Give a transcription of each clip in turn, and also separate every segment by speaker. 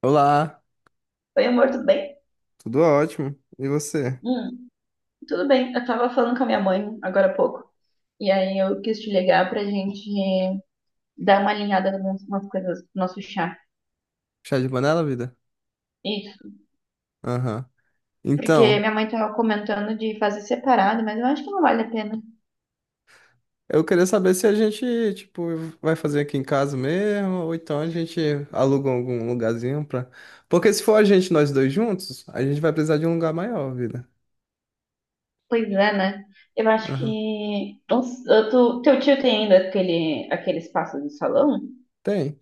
Speaker 1: Olá,
Speaker 2: Oi, amor, tudo bem?
Speaker 1: tudo ótimo. E você?
Speaker 2: Hum, tudo bem. Eu tava falando com a minha mãe agora há pouco. E aí eu quis te ligar pra gente dar uma alinhada em algumas coisas do nosso chá.
Speaker 1: Chá de panela, vida?
Speaker 2: Isso.
Speaker 1: Aham.
Speaker 2: Porque
Speaker 1: Então,
Speaker 2: minha mãe tava comentando de fazer separado, mas eu acho que não vale a pena.
Speaker 1: eu queria saber se a gente, tipo, vai fazer aqui em casa mesmo, ou então a gente aluga algum lugarzinho pra. Porque se for a gente, nós dois juntos, a gente vai precisar de um lugar maior, vida.
Speaker 2: Pois é, né? Eu acho
Speaker 1: Aham.
Speaker 2: que. Não s- eu tô- Teu tio tem ainda aquele espaço do salão?
Speaker 1: Tem,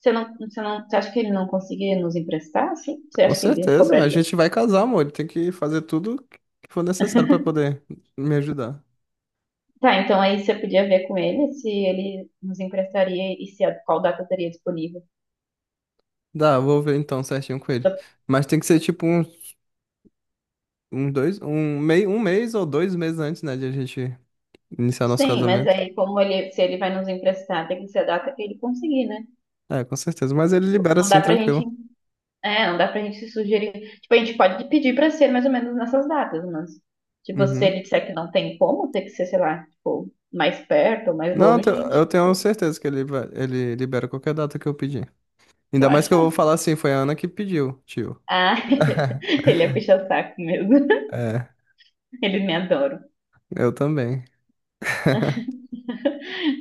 Speaker 2: Você acha que ele não conseguiria nos emprestar, assim? Você
Speaker 1: com
Speaker 2: acha que ele
Speaker 1: certeza. A
Speaker 2: cobraria?
Speaker 1: gente vai casar, amor. Tem que fazer tudo que for necessário pra poder me ajudar.
Speaker 2: Tá, então aí você podia ver com ele se ele nos emprestaria e se qual data teria disponível.
Speaker 1: Dá, eu vou ver então certinho com ele.
Speaker 2: Eu-
Speaker 1: Mas tem que ser tipo uns dois, um mês ou dois meses antes, né, de a gente iniciar nosso
Speaker 2: Sim, mas
Speaker 1: casamento.
Speaker 2: aí como ele, se ele vai nos emprestar, tem que ser a data que ele conseguir, né?
Speaker 1: É, com certeza. Mas ele libera
Speaker 2: Não
Speaker 1: assim,
Speaker 2: dá pra gente,
Speaker 1: tranquilo.
Speaker 2: é, não dá pra gente se sugerir. Tipo, a gente pode pedir pra ser mais ou menos nessas datas, mas tipo, se
Speaker 1: Uhum.
Speaker 2: ele disser que não tem como, tem que ser, sei lá, tipo, mais perto ou mais
Speaker 1: Não,
Speaker 2: longe, a gente,
Speaker 1: eu tenho certeza que ele libera qualquer data que eu pedir.
Speaker 2: tu
Speaker 1: Ainda mais que eu
Speaker 2: acha?
Speaker 1: vou falar assim, foi a Ana que pediu, tio.
Speaker 2: Ah, ele é puxa-saco mesmo.
Speaker 1: É,
Speaker 2: Ele me adora.
Speaker 1: eu também.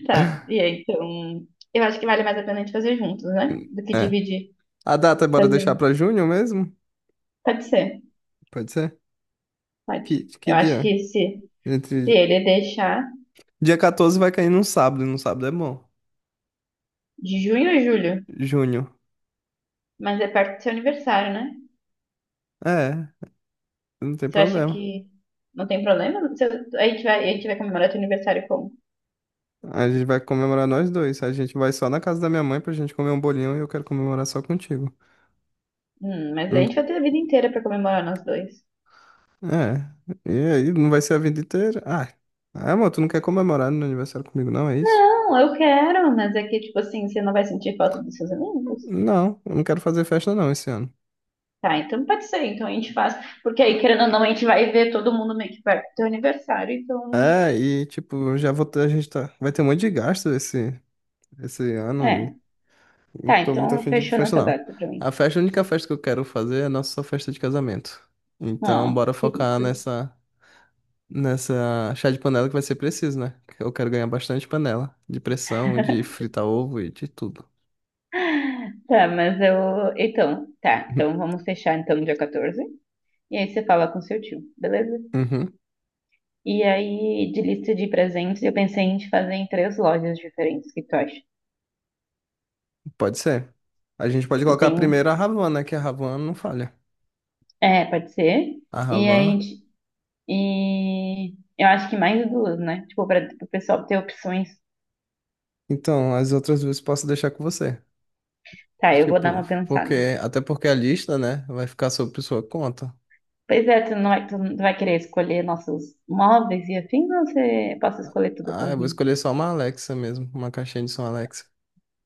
Speaker 2: Tá, e aí, então, eu acho que vale mais a pena a gente fazer juntos, né? Do que
Speaker 1: É.
Speaker 2: dividir,
Speaker 1: A data, bora deixar
Speaker 2: fazer.
Speaker 1: pra junho mesmo?
Speaker 2: Pode ser,
Speaker 1: Pode ser?
Speaker 2: pode.
Speaker 1: Que
Speaker 2: Eu acho
Speaker 1: dia?
Speaker 2: que se
Speaker 1: Entre.
Speaker 2: ele deixar
Speaker 1: Dia 14 vai cair num sábado, e num sábado é bom.
Speaker 2: de junho a julho,
Speaker 1: Junho.
Speaker 2: mas é perto do seu aniversário, né?
Speaker 1: É, não tem
Speaker 2: Você acha
Speaker 1: problema.
Speaker 2: que não tem problema? Se eu- a gente vai comemorar teu aniversário como?
Speaker 1: A gente vai comemorar nós dois. A gente vai só na casa da minha mãe pra gente comer um bolinho e eu quero comemorar só contigo.
Speaker 2: Mas a
Speaker 1: Hum,
Speaker 2: gente vai ter a vida inteira pra comemorar nós dois.
Speaker 1: é. E aí, não vai ser a vida inteira? Ah, amor, tu não quer comemorar no aniversário comigo, não? É isso?
Speaker 2: Não, eu quero, mas é que, tipo assim, você não vai sentir falta dos seus amigos?
Speaker 1: Não, eu não quero fazer festa não esse ano.
Speaker 2: Tá, então pode ser, então a gente faz, porque aí, querendo ou não, a gente vai ver todo mundo meio que perto do teu aniversário, então.
Speaker 1: É, e tipo, já vou ter, a gente tá, vai ter um monte de gasto esse ano
Speaker 2: É,
Speaker 1: e não
Speaker 2: tá,
Speaker 1: tô muito
Speaker 2: então
Speaker 1: afim de ir pra
Speaker 2: fechou
Speaker 1: festa
Speaker 2: nossa
Speaker 1: não.
Speaker 2: data pra
Speaker 1: A
Speaker 2: mim.
Speaker 1: festa, a única festa que eu quero fazer é a nossa festa de casamento. Então,
Speaker 2: Ó,
Speaker 1: bora focar
Speaker 2: querido.
Speaker 1: nessa chá de panela que vai ser preciso, né? Eu quero ganhar bastante panela de pressão, de fritar ovo e de tudo.
Speaker 2: Tá, mas eu. Então, tá, então vamos fechar então dia 14. E aí você fala com seu tio, beleza?
Speaker 1: Uhum,
Speaker 2: E aí, de lista de presentes, eu pensei em te fazer em três lojas diferentes, o que tu acha?
Speaker 1: pode ser. A gente pode
Speaker 2: Tipo,
Speaker 1: colocar
Speaker 2: tem.
Speaker 1: primeiro a Ravan, né? Que a Ravan não falha.
Speaker 2: É, pode ser.
Speaker 1: A
Speaker 2: E aí, a
Speaker 1: Ravan.
Speaker 2: gente- e eu acho que mais duas, né? Tipo, pra o pessoal ter opções.
Speaker 1: Então, as outras duas posso deixar com você.
Speaker 2: Tá, eu vou dar
Speaker 1: Tipo,
Speaker 2: uma pensada.
Speaker 1: porque até porque a lista, né, vai ficar sob sua conta.
Speaker 2: Pois é, tu não vai querer escolher nossos móveis e afim, ou você posso escolher tudo
Speaker 1: Ah, eu vou
Speaker 2: sozinho?
Speaker 1: escolher só uma Alexa mesmo, uma caixinha de som Alexa.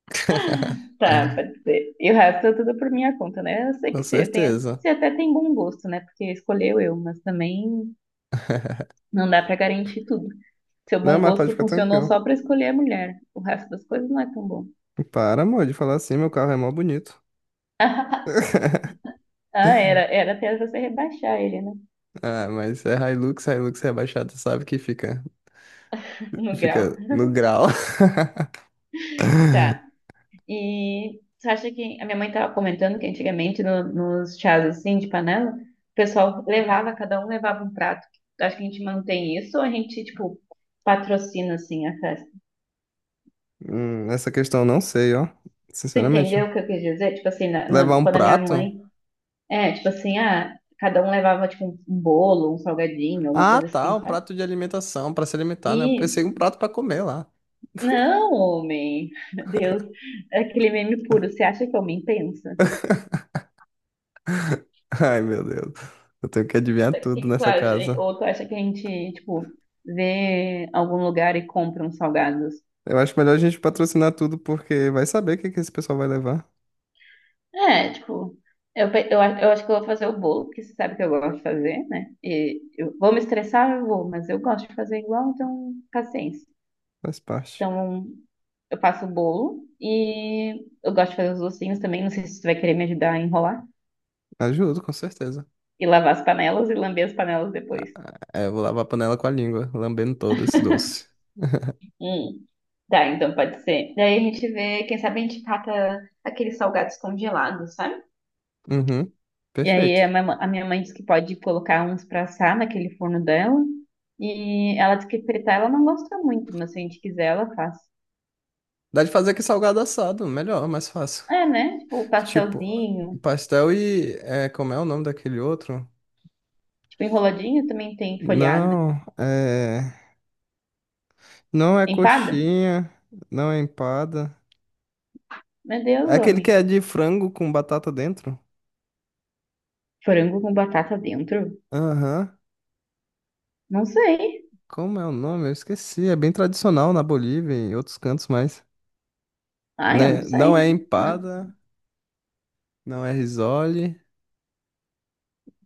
Speaker 2: Tá, pode ser. E o resto é tudo por minha conta, né? Eu sei
Speaker 1: Com
Speaker 2: que
Speaker 1: certeza.
Speaker 2: você até tem bom gosto, né? Porque escolheu eu, mas também não dá pra garantir tudo. Seu
Speaker 1: Não,
Speaker 2: bom
Speaker 1: mas pode
Speaker 2: gosto
Speaker 1: ficar
Speaker 2: funcionou
Speaker 1: tranquilo.
Speaker 2: só pra escolher a mulher. O resto das coisas não é tão bom.
Speaker 1: Para, amor, de falar assim, meu carro é mó bonito.
Speaker 2: Ah, era até você rebaixar ele, né?
Speaker 1: Ah, mas é Hilux, Hilux rebaixado, sabe que fica,
Speaker 2: No grau.
Speaker 1: fica no grau.
Speaker 2: Tá. E você acha que a minha mãe tava comentando que antigamente nos chás assim de panela, o pessoal levava, cada um levava um prato. Acho que a gente mantém isso ou a gente, tipo, patrocina assim a festa?
Speaker 1: Essa questão eu não sei, ó.
Speaker 2: Tu
Speaker 1: Sinceramente.
Speaker 2: entendeu o que eu quis dizer? Tipo assim,
Speaker 1: Levar um
Speaker 2: quando a minha
Speaker 1: prato?
Speaker 2: mãe. É, tipo assim, ah, cada um levava tipo um bolo, um salgadinho, alguma
Speaker 1: Ah,
Speaker 2: coisa
Speaker 1: tá,
Speaker 2: assim,
Speaker 1: um
Speaker 2: sabe?
Speaker 1: prato de alimentação, pra se alimentar, né? Eu pensei em um
Speaker 2: Isso.
Speaker 1: prato pra comer lá.
Speaker 2: Não, homem. Meu Deus, é aquele meme puro. Você acha que homem pensa?
Speaker 1: Ai, meu Deus. Eu tenho que adivinhar
Speaker 2: O que
Speaker 1: tudo
Speaker 2: que tu
Speaker 1: nessa
Speaker 2: acha?
Speaker 1: casa.
Speaker 2: Ou tu acha que a gente, tipo, vê algum lugar e compra uns salgados?
Speaker 1: Eu acho melhor a gente patrocinar tudo, porque vai saber o que que esse pessoal vai levar.
Speaker 2: É, tipo, eu acho que eu vou fazer o bolo, porque você sabe que eu gosto de fazer, né? E eu vou me estressar, eu vou, mas eu gosto de fazer igual, então paciência.
Speaker 1: Faz parte.
Speaker 2: Então, eu faço o bolo e eu gosto de fazer os docinhos também. Não sei se tu vai querer me ajudar a enrolar
Speaker 1: Ajudo, com certeza.
Speaker 2: e lavar as panelas e lamber as panelas
Speaker 1: Ah,
Speaker 2: depois.
Speaker 1: é, eu vou lavar a panela com a língua, lambendo todo esse doce.
Speaker 2: Hum, tá, então pode ser. Daí a gente vê, quem sabe a gente cata aqueles salgados congelados, sabe?
Speaker 1: Uhum.
Speaker 2: E aí
Speaker 1: Perfeito.
Speaker 2: a minha mãe disse que pode colocar uns pra assar naquele forno dela. E ela disse que fritar ela não gosta muito, mas se a gente quiser, ela faz.
Speaker 1: Dá de fazer que salgado assado, melhor, mais fácil.
Speaker 2: É, né? Tipo,
Speaker 1: Tipo,
Speaker 2: pastelzinho,
Speaker 1: pastel e. É, como é o nome daquele outro?
Speaker 2: tipo, enroladinho também tem folhado.
Speaker 1: Não, é. Não é
Speaker 2: Empada?
Speaker 1: coxinha, não é empada.
Speaker 2: Meu
Speaker 1: É
Speaker 2: Deus,
Speaker 1: aquele que
Speaker 2: homem.
Speaker 1: é de frango com batata dentro?
Speaker 2: Frango com batata dentro.
Speaker 1: Aham.
Speaker 2: Não sei.
Speaker 1: Como é o nome? Eu esqueci. É bem tradicional na Bolívia e em outros cantos, mais.
Speaker 2: Ah, eu
Speaker 1: Né?
Speaker 2: não
Speaker 1: Não
Speaker 2: sei.
Speaker 1: é
Speaker 2: Não.
Speaker 1: empada, não é risole.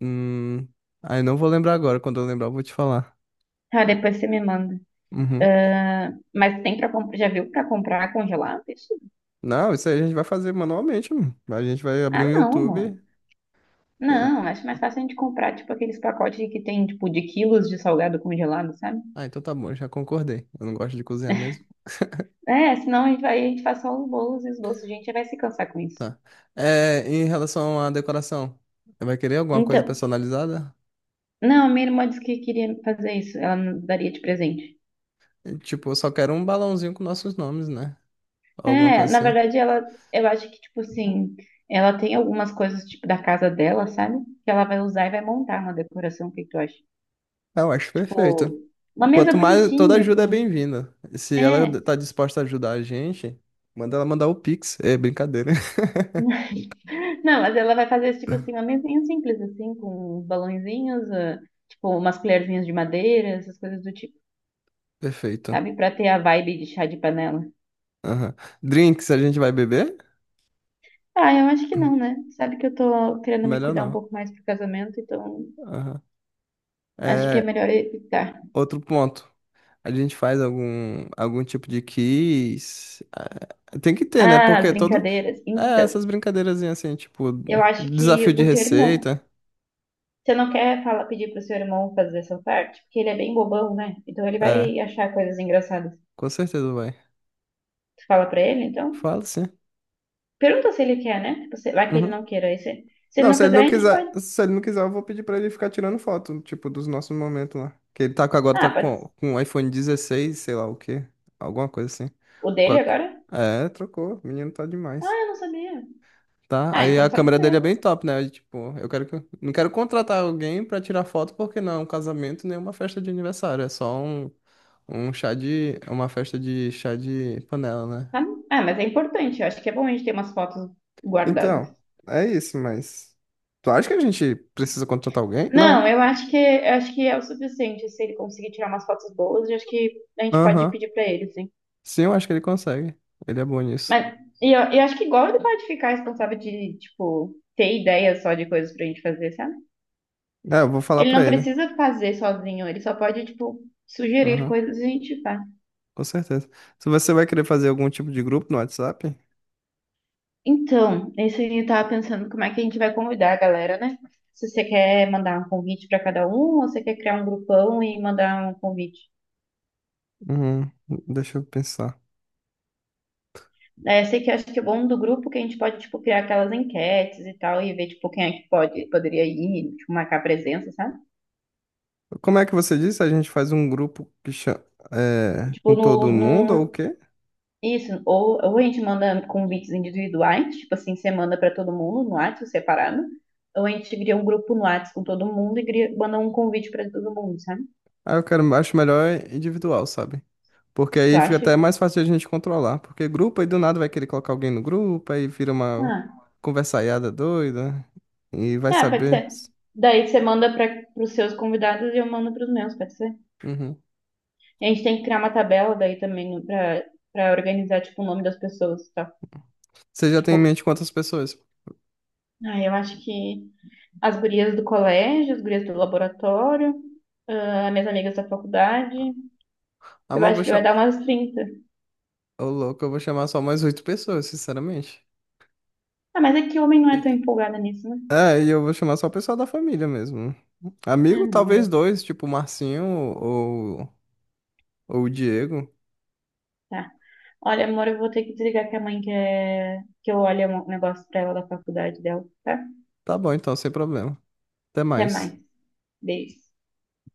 Speaker 1: Hum. Aí não vou lembrar agora. Quando eu lembrar, eu vou te falar.
Speaker 2: Ah, depois você me manda.
Speaker 1: Uhum.
Speaker 2: Ah, mas tem para comprar? Já viu para comprar congelado isso?
Speaker 1: Não, isso aí a gente vai fazer manualmente, mano. A gente vai abrir um
Speaker 2: Ah, não, amor.
Speaker 1: YouTube. Eu.
Speaker 2: Não, acho mais fácil a gente comprar tipo aqueles pacotes que tem tipo de quilos de salgado congelado, sabe?
Speaker 1: Ah, então tá bom, já concordei. Eu não gosto de cozinhar mesmo.
Speaker 2: É, senão a gente faz só os bolos e os doces, gente, já vai se cansar com isso.
Speaker 1: Tá. É, em relação à decoração, vai querer alguma coisa
Speaker 2: Então,
Speaker 1: personalizada?
Speaker 2: não, a minha irmã disse que queria fazer isso. Ela nos daria de presente.
Speaker 1: É, tipo, eu só quero um balãozinho com nossos nomes, né? Alguma
Speaker 2: É,
Speaker 1: coisa
Speaker 2: na
Speaker 1: assim.
Speaker 2: verdade, ela, eu acho que, tipo assim, ela tem algumas coisas, tipo, da casa dela, sabe? Que ela vai usar e vai montar uma decoração, o que que tu acha?
Speaker 1: Ah, eu acho perfeito.
Speaker 2: Tipo, uma
Speaker 1: E
Speaker 2: mesa
Speaker 1: quanto mais, toda
Speaker 2: bonitinha
Speaker 1: ajuda é
Speaker 2: com...
Speaker 1: bem-vinda. Se ela
Speaker 2: É,
Speaker 1: tá disposta a ajudar a gente, manda ela mandar o Pix. É brincadeira.
Speaker 2: não, mas ela vai fazer, tipo assim, uma mesinha simples, assim, com uns balõezinhos, ah, tipo, umas colherzinhas de madeira, essas coisas do tipo,
Speaker 1: Perfeito.
Speaker 2: sabe? Pra ter a vibe de chá de panela.
Speaker 1: Aham. Drinks a gente vai beber?
Speaker 2: Ah, eu acho que não, né? Sabe que eu tô querendo me
Speaker 1: Melhor
Speaker 2: cuidar um
Speaker 1: não.
Speaker 2: pouco mais pro casamento, então
Speaker 1: Aham.
Speaker 2: acho que é
Speaker 1: É,
Speaker 2: melhor evitar.
Speaker 1: outro ponto. A gente faz algum tipo de quiz. Ah, tem que ter, né?
Speaker 2: Ah, as
Speaker 1: Porque todo.
Speaker 2: brincadeiras.
Speaker 1: É,
Speaker 2: Então.
Speaker 1: essas brincadeirazinhas assim, tipo,
Speaker 2: Eu acho
Speaker 1: desafio
Speaker 2: que
Speaker 1: de
Speaker 2: o teu irmão.
Speaker 1: receita.
Speaker 2: Você não quer falar, pedir pro seu irmão fazer essa parte? Porque ele é bem bobão, né? Então ele
Speaker 1: É,
Speaker 2: vai achar coisas engraçadas.
Speaker 1: com certeza vai.
Speaker 2: Tu fala pra ele, então?
Speaker 1: Fala sim.
Speaker 2: Pergunta se ele quer, né? Tipo, se- vai que ele
Speaker 1: Uhum.
Speaker 2: não queira. Aí se ele
Speaker 1: Não,
Speaker 2: não
Speaker 1: se ele
Speaker 2: quiser,
Speaker 1: não
Speaker 2: a gente
Speaker 1: quiser,
Speaker 2: pode.
Speaker 1: se ele não quiser, eu vou pedir pra ele ficar tirando foto, tipo, dos nossos momentos lá. Que ele tá com agora, tá
Speaker 2: Ah, pode.
Speaker 1: com um iPhone 16, sei lá o quê. Alguma coisa assim.
Speaker 2: O
Speaker 1: Com
Speaker 2: dele
Speaker 1: a-
Speaker 2: agora?
Speaker 1: É, trocou. O menino tá
Speaker 2: Ah,
Speaker 1: demais.
Speaker 2: eu não sabia.
Speaker 1: Tá?
Speaker 2: Ah,
Speaker 1: Aí
Speaker 2: então
Speaker 1: a
Speaker 2: pode
Speaker 1: câmera dele
Speaker 2: ser.
Speaker 1: é bem top, né? Aí, tipo, eu quero que. Não quero contratar alguém pra tirar foto porque não é um casamento nem uma festa de aniversário, é só um chá de uma festa de chá de panela, né?
Speaker 2: Tá? Ah, mas é importante. Eu acho que é bom a gente ter umas fotos guardadas.
Speaker 1: Então, é isso, mas tu acha que a gente precisa contratar alguém?
Speaker 2: Não,
Speaker 1: Não, né?
Speaker 2: eu acho que é o suficiente. Se ele conseguir tirar umas fotos boas, eu acho que a gente pode
Speaker 1: Aham.
Speaker 2: pedir pra ele, sim.
Speaker 1: Sim, eu acho que ele consegue. Ele é bom nisso.
Speaker 2: Mas eu acho que igual ele pode ficar responsável de, tipo, ter ideia só de coisas pra gente fazer, sabe?
Speaker 1: É, eu vou falar
Speaker 2: Ele
Speaker 1: pra
Speaker 2: não
Speaker 1: ele.
Speaker 2: precisa fazer sozinho, ele só pode, tipo, sugerir
Speaker 1: Aham.
Speaker 2: coisas e a gente faz.
Speaker 1: Com certeza. Se você vai querer fazer algum tipo de grupo no WhatsApp?
Speaker 2: Então, esse aí eu tava pensando como é que a gente vai convidar a galera, né? Se você quer mandar um convite pra cada um, ou você quer criar um grupão e mandar um convite.
Speaker 1: Hum, Deixa eu pensar.
Speaker 2: É, sei que acho que é bom do grupo é que a gente pode, tipo, criar aquelas enquetes e tal, e ver, tipo, quem é que pode, poderia ir, tipo, marcar presença, sabe?
Speaker 1: Como é que você disse? A gente faz um grupo é, com
Speaker 2: Tipo, no,
Speaker 1: todo mundo ou o
Speaker 2: no,
Speaker 1: quê?
Speaker 2: Isso, ou a gente manda convites individuais, tipo assim, você manda pra todo mundo no WhatsApp separado, ou a gente cria um grupo no WhatsApp com todo mundo e manda um convite pra todo mundo, sabe?
Speaker 1: Ah, eu quero, acho melhor individual, sabe? Porque
Speaker 2: Tu
Speaker 1: aí fica
Speaker 2: acha?
Speaker 1: até mais fácil de a gente controlar. Porque grupo aí do nada vai querer colocar alguém no grupo, aí vira uma
Speaker 2: Ah,
Speaker 1: conversaiada doida e vai
Speaker 2: ah, pode
Speaker 1: saber.
Speaker 2: ser. Daí você manda para os seus convidados e eu mando para os meus, pode ser?
Speaker 1: Uhum.
Speaker 2: E a gente tem que criar uma tabela daí também para organizar tipo o nome das pessoas, e tal.
Speaker 1: Você já tem
Speaker 2: Tipo,
Speaker 1: em mente quantas pessoas?
Speaker 2: ah, eu acho que as gurias do colégio, as gurias do laboratório, ah, minhas amigas da faculdade,
Speaker 1: Ah,
Speaker 2: eu
Speaker 1: mas eu vou
Speaker 2: acho que vai dar
Speaker 1: chamar.
Speaker 2: umas 30.
Speaker 1: Ô, louco, eu vou chamar só mais oito pessoas, sinceramente.
Speaker 2: Ah, mas é que homem não é tão empolgada nisso, né?
Speaker 1: É, e eu vou chamar só o pessoal da família mesmo.
Speaker 2: Ah,
Speaker 1: Amigo,
Speaker 2: não,
Speaker 1: talvez
Speaker 2: eu...
Speaker 1: dois, tipo o Marcinho ou o Diego.
Speaker 2: Tá. Olha, amor, eu vou ter que desligar que a mãe quer que eu olhe um negócio pra ela da faculdade dela, tá?
Speaker 1: Tá bom, então, sem problema. Até
Speaker 2: Até
Speaker 1: mais.
Speaker 2: mais. Beijo.